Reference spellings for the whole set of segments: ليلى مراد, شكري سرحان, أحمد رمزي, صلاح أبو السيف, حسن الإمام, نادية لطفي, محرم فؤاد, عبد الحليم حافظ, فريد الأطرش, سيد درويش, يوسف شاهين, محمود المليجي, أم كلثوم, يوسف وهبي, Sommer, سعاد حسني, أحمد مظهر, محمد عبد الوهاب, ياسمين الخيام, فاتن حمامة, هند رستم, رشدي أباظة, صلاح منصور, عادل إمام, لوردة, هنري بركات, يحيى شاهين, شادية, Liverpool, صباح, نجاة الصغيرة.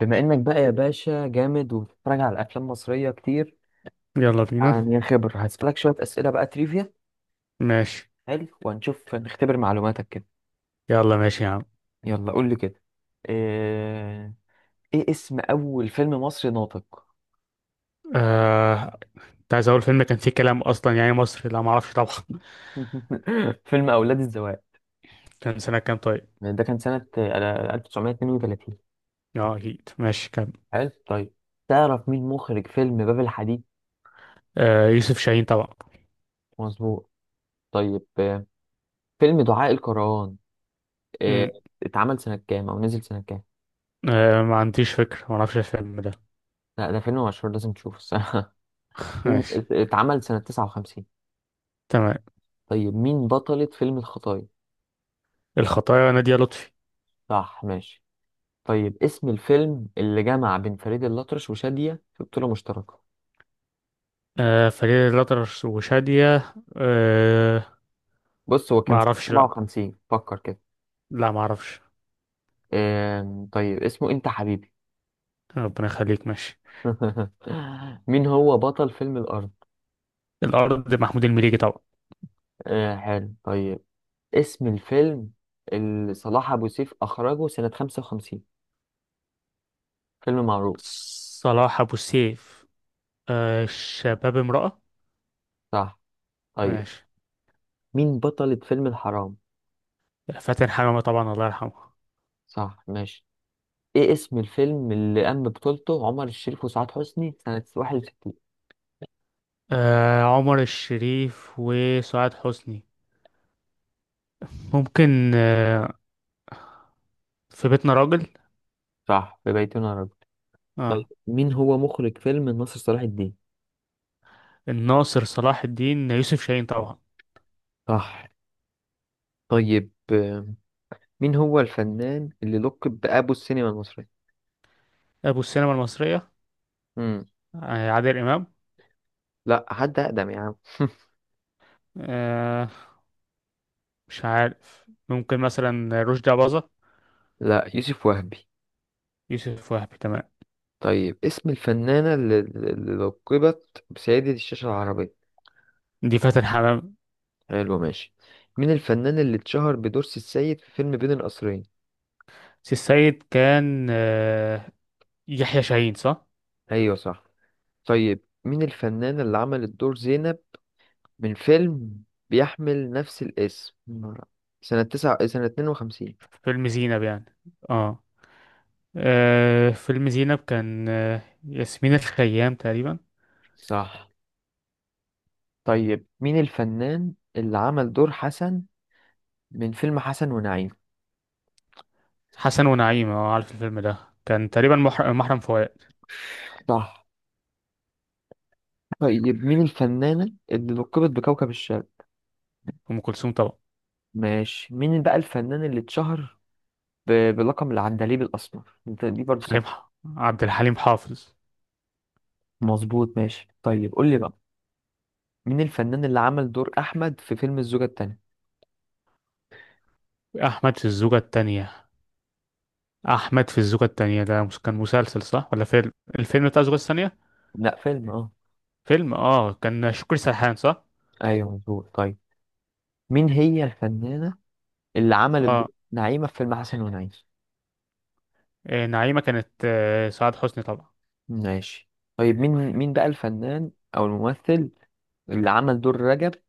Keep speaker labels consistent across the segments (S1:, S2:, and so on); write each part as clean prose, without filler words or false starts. S1: بما انك بقى يا باشا جامد وبتتفرج على افلام مصريه كتير.
S2: يلا بينا.
S1: يعني خبر هسألك شويه اسئله بقى تريفيا.
S2: ماشي.
S1: حلو، وهنشوف نختبر معلوماتك كده.
S2: يلا ماشي يا عم.
S1: يلا قول لي كده. ايه, إيه اسم اول فيلم مصري ناطق؟
S2: آه... كنت عايز اقول فيلم كان فيه كلام اصلا، يعني مصري. لا، ما اعرفش طبعا.
S1: فيلم اولاد الذوق.
S2: كان سنة كام طيب؟
S1: ده كان سنه 1932.
S2: اه اكيد، ماشي كام؟
S1: حلو طيب، تعرف مين مخرج فيلم باب الحديد؟
S2: يوسف شاهين طبعا.
S1: مظبوط. طيب فيلم دعاء الكروان آه،
S2: مم.
S1: اتعمل سنه كام او نزل سنه كام؟
S2: ما عنديش فكرة، ما اعرفش الفيلم ده.
S1: لا ده فيلم مشهور، لازم تشوفه. فيلم
S2: ماشي.
S1: اتعمل سنة 59.
S2: تمام.
S1: طيب مين بطلة فيلم الخطايا؟
S2: الخطايا، نادية لطفي.
S1: صح ماشي. طيب اسم الفيلم اللي جمع بين فريد الأطرش وشادية في بطولة مشتركة؟
S2: فريد الأطرش وشادية
S1: بص هو
S2: ما
S1: كان سنة
S2: اعرفش لا.
S1: 57، فكر كده.
S2: لا، ما اعرفش.
S1: طيب، اسمه انت حبيبي.
S2: ربنا يخليك، ماشي.
S1: مين هو بطل فيلم الأرض؟
S2: الأرض، محمود المليجي طبعا.
S1: آه حلو طيب. اسم الفيلم اللي صلاح أبو سيف أخرجه سنة 55، فيلم معروف.
S2: صلاح أبو السيف. شباب امرأة.
S1: صح طيب،
S2: ماشي.
S1: مين بطلة فيلم الحرام؟
S2: فاتن حمامة طبعا، الله يرحمه.
S1: صح ماشي. ايه اسم الفيلم اللي قام ببطولته عمر الشريف وسعاد حسني سنة 61؟
S2: عمر الشريف وسعاد حسني. ممكن في بيتنا راجل.
S1: صح، في بيتنا رجل. طيب
S2: اه.
S1: مين هو مخرج فيلم ناصر صلاح الدين؟
S2: الناصر صلاح الدين، يوسف شاهين طبعا.
S1: صح. طيب مين هو الفنان اللي لقب بأبو السينما المصرية؟
S2: ابو السينما المصرية.
S1: مم.
S2: عادل امام.
S1: لا حد أقدم يا عم.
S2: آه. مش عارف، ممكن مثلا رشدي أباظة.
S1: لا، يوسف وهبي.
S2: يوسف وهبي، تمام.
S1: طيب اسم الفنانة اللي لقبت بسيدة الشاشة العربية؟
S2: دي فاتن حمامة.
S1: حلو ماشي. مين الفنان اللي اتشهر بدور سي السيد في فيلم بين القصرين؟
S2: سي السيد كان يحيى شاهين، صح؟
S1: ايوه صح. طيب مين الفنانة اللي عملت دور زينب من فيلم بيحمل نفس الاسم سنة 52؟
S2: في فيلم زينب يعني. اه. فيلم زينب كان ياسمين الخيام تقريبا.
S1: صح. طيب مين الفنان اللي عمل دور حسن من فيلم حسن ونعيم؟
S2: حسن ونعيم، اه، عارف الفيلم ده. كان تقريبا، محرم فؤاد.
S1: صح. طيب مين الفنانة اللي لقبت بكوكب الشرق؟
S2: ام كلثوم طبعا.
S1: ماشي. مين بقى الفنان اللي اتشهر بلقب العندليب الأسمر؟ دي برضه
S2: حليم
S1: سهلة.
S2: ح- عبد الحليم حافظ.
S1: مظبوط ماشي. طيب قول لي بقى، مين الفنان اللي عمل دور أحمد في فيلم الزوجة التانية؟
S2: احمد في الزوجه الثانيه؟ احمد في الزوجه الثانيه، ده كان مسلسل صح ولا فيلم؟ الفيلم بتاع الزوجه الثانيه.
S1: لا فيلم اه.
S2: فيلم، كان شكري سرحان، صح؟
S1: ايوه مظبوط. طيب مين هي الفنانة اللي عملت دور
S2: اه.
S1: نعيمة في فيلم حسن ونعيش؟
S2: إيه، نعيمه كانت سعاد حسني طبعا.
S1: ماشي. طيب، مين بقى الفنان او الممثل اللي عمل دور رجب في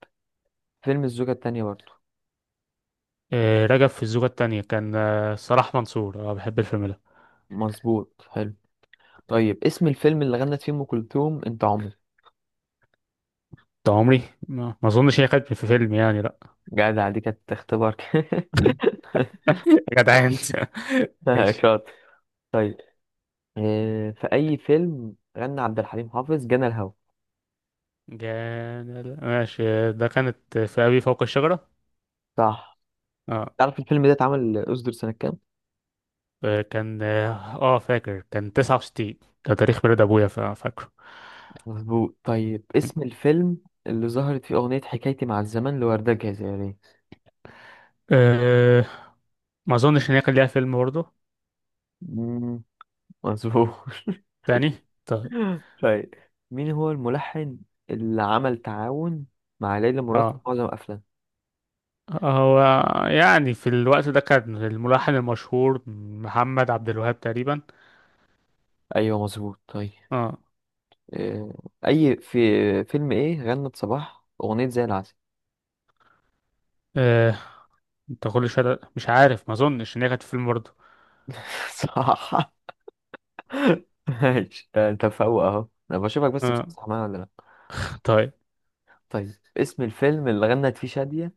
S1: فيلم الزوجة التانية برضه؟
S2: إيه، رجب في الزوجه الثانيه كان صلاح منصور. اه، بحب الفيلم ده.
S1: مظبوط حلو. طيب اسم الفيلم اللي غنت فيه ام كلثوم انت عمري؟
S2: طول عمري، ما اظنش هي كانت في فيلم يعني، لا.
S1: جدع، دي كانت اختبار.
S2: يا جدعان. ماشي.
S1: شاطر. طيب، في اي فيلم غنى عبد الحليم حافظ جنى الهوى؟
S2: جان، ماشي. ده كانت في أبي فوق الشجرة.
S1: صح.
S2: اه،
S1: تعرف الفيلم ده اتعمل اصدر سنة كام؟
S2: كان فاكر كان 69. ده تاريخ ميلاد أبويا، فاكره.
S1: مظبوط. طيب اسم الفيلم اللي ظهرت فيه أغنية حكايتي مع الزمن لوردة جزائرية؟
S2: آه ما أظنش إن هي كان ليها فيلم برضه.
S1: مم، مظبوط.
S2: تاني. طيب.
S1: طيب مين هو الملحن اللي عمل تعاون مع ليلى مراد في
S2: اه.
S1: معظم أفلام؟
S2: هو، يعني في الوقت ده كان الملحن المشهور محمد عبد الوهاب تقريبا.
S1: أيوه مظبوط. طيب
S2: اه.
S1: آه، في فيلم إيه غنت صباح أغنية زي العسل؟
S2: آه، انت كل شويه مش عارف، ما اظنش ان هي كانت في فيلم برضه.
S1: صح ماشي. أنت فوق أهو، أنا بشوفك بس
S2: اه.
S1: بتصح معايا ولا لأ؟
S2: طيب.
S1: طيب اسم الفيلم اللي غنت فيه شادية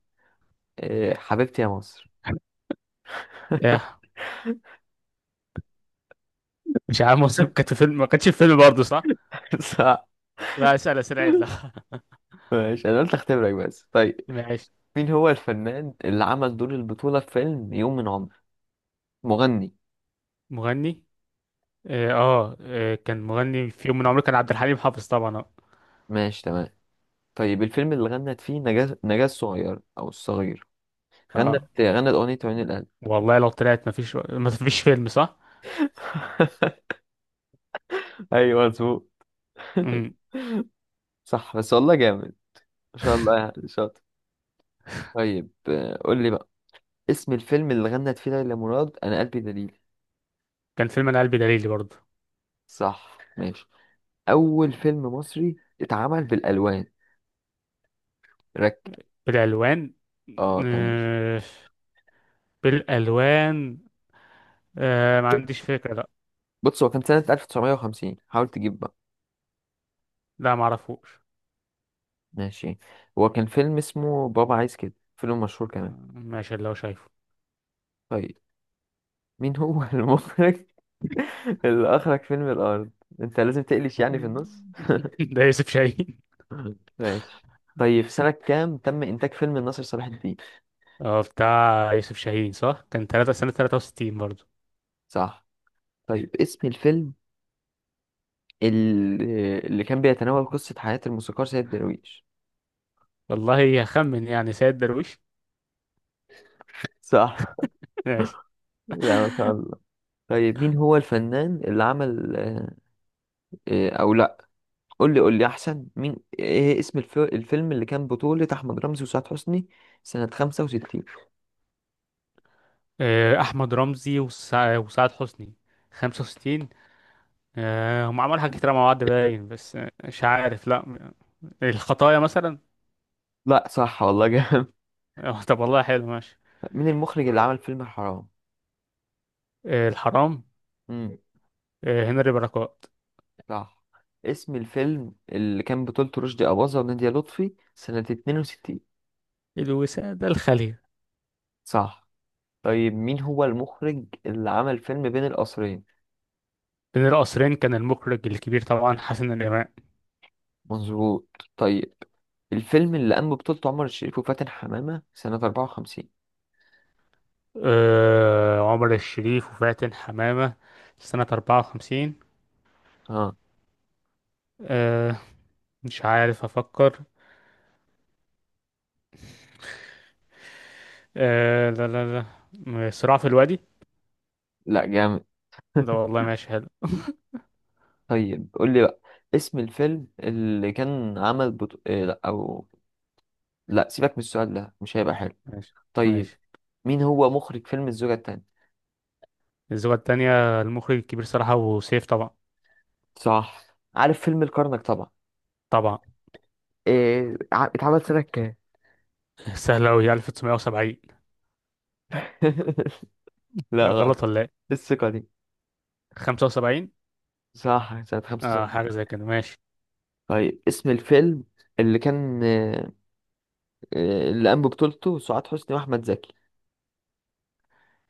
S1: حبيبتي يا مصر؟
S2: يا، مش عارف مصر كانت في فيلم ما كانتش في فيلم برضه صح؟
S1: صح
S2: لا، اسال اسئله عدله.
S1: ماشي، انا قلت اختبرك بس. طيب،
S2: ماشي.
S1: مين هو الفنان اللي عمل دور البطولة في فيلم يوم من عمر؟ مغني.
S2: مغني. اه، كان مغني في يوم من عمره، كان عبد الحليم حافظ طبعا، اه.
S1: ماشي تمام. طيب الفيلم اللي غنت فيه نجاة الصغير او الصغير غنت
S2: آه.
S1: غنت اغنية عيون القلب؟
S2: والله لو طلعت مفيش فيلم صح.
S1: ايوه مظبوط.
S2: مم.
S1: صح، بس والله جامد، ما شاء الله، يعني شاطر. طيب قول لي بقى، اسم الفيلم اللي غنت فيه ليلى مراد انا قلبي دليل؟
S2: كان فيلم انا قلبي دليلي برضه.
S1: صح ماشي. اول فيلم مصري اتعمل بالالوان؟ رك
S2: بالالوان.
S1: اه كان
S2: آه. بالالوان. آه، ما عنديش فكرة، لا.
S1: بص هو كان سنة 1950، حاول تجيب بقى.
S2: لا، ما اعرفوش.
S1: ماشي، هو كان فيلم اسمه بابا عايز كده، فيلم مشهور
S2: آه،
S1: كمان.
S2: ماشي، اللي هو شايفه.
S1: طيب مين هو المخرج اللي أخرج فيلم الأرض؟ أنت لازم تقلش يعني في
S2: مم.
S1: النص.
S2: ده يوسف شاهين.
S1: ماشي. طيب سنة كام تم إنتاج فيلم ناصر صلاح الدين؟
S2: اه، بتاع يوسف شاهين صح. كان تلاتة سنة 63 برضه.
S1: صح. طيب اسم الفيلم اللي كان بيتناول قصة حياة الموسيقار سيد درويش؟
S2: والله هخمن يعني، سيد درويش.
S1: صح.
S2: ماشي.
S1: لا ما شاء الله. طيب مين هو الفنان اللي عمل آه، أو لا قول لي احسن، ايه اسم الفيلم اللي كان بطولة احمد رمزي وسعاد حسني سنة 65؟
S2: احمد رمزي وسعاد حسني. 65. هم عملوا حاجات كتير مع بعض باين، بس مش عارف، لا. الخطايا مثلا.
S1: لا صح، والله جامد.
S2: طب والله حلو، ماشي.
S1: مين المخرج اللي عمل فيلم الحرام؟
S2: الحرام.
S1: امم
S2: هنري بركات.
S1: صح. اسم الفيلم اللي كان بطولته رشدي أباظة ونادية لطفي سنة 62؟
S2: الوسادة الخالية.
S1: صح. طيب مين هو المخرج اللي عمل فيلم بين القصرين؟
S2: بين القصرين كان المخرج الكبير طبعا، حسن الإمام.
S1: مظبوط. طيب الفيلم اللي قام ببطولته عمر الشريف وفاتن حمامة سنة 54؟
S2: عمر الشريف وفاتن حمامة سنة 54.
S1: اه،
S2: آه، مش عارف، أفكر. آه، لا، لا. لا، صراع في الوادي.
S1: لا جامد.
S2: ده والله ماشي، حلو.
S1: طيب قول لي بقى، اسم الفيلم اللي كان عمل بطو... إيه لا او لا سيبك من السؤال ده، مش هيبقى حلو.
S2: ماشي.
S1: طيب
S2: ماشي.
S1: مين هو مخرج فيلم الزوجة التانية؟
S2: الزوجة التانية، المخرج الكبير صراحة وسيف طبعا.
S1: صح. عارف فيلم الكرنك طبعا؟
S2: طبعا.
S1: إيه اتعمل سنة كام؟
S2: سهلة أوي، 1970.
S1: لا
S2: غلط
S1: غلط.
S2: ولا إيه؟
S1: الثقة دي.
S2: 75.
S1: صح، سنة
S2: اه،
S1: 65.
S2: حاجة زي كده، ماشي.
S1: طيب اسم الفيلم اللي كان اللي قام ببطولته سعاد حسني وأحمد زكي؟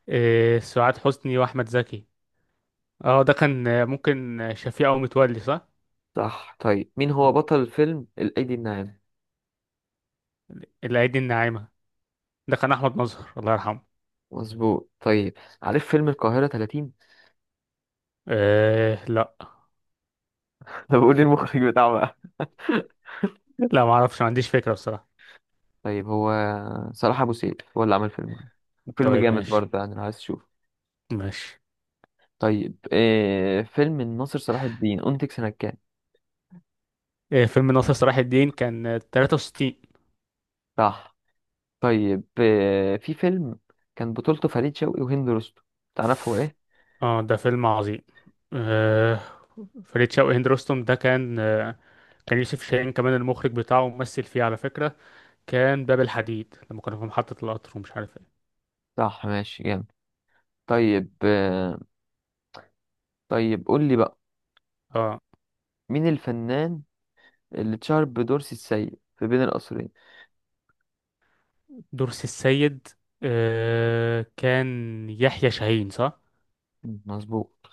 S2: إيه، سعاد حسني وأحمد زكي. اه، ده كان ممكن شفيقة ومتولي صح؟
S1: صح. طيب مين هو
S2: آه.
S1: بطل الفيلم الأيدي الناعمة؟
S2: الأيدي الناعمة. ده كان أحمد مظهر، الله يرحمه.
S1: مظبوط طيب. عارف فيلم القاهرة 30؟
S2: إيه لا.
S1: طب قول لي المخرج بتاعه.
S2: لا، معرفش، ما عنديش فكرة بصراحة.
S1: طيب، هو صلاح ابو سيف هو اللي عمل فيلم
S2: طيب
S1: جامد
S2: ماشي.
S1: برضه يعني لو عايز تشوفه.
S2: ماشي.
S1: طيب فيلم الناصر صلاح الدين انتج سنة كام؟
S2: إيه، فيلم ناصر صلاح الدين كان 63.
S1: صح. طيب في فيلم كان بطولته فريد شوقي وهند رستم، تعرفه ايه؟
S2: اه، ده فيلم عظيم. آه، فريد شوقي هند رستم ده كان. كان يوسف شاهين كمان المخرج بتاعه، ممثل فيه على فكرة. كان باب الحديد، لما كنا في محطة القطر، ومش عارف ايه.
S1: صح ماشي جامد. طيب طيب قول لي بقى،
S2: اه.
S1: مين الفنان اللي اتشهر بدور سي السيد في بين القصرين؟
S2: دور السيد. آه، كان يحيى شاهين صح؟
S1: مم، مظبوط.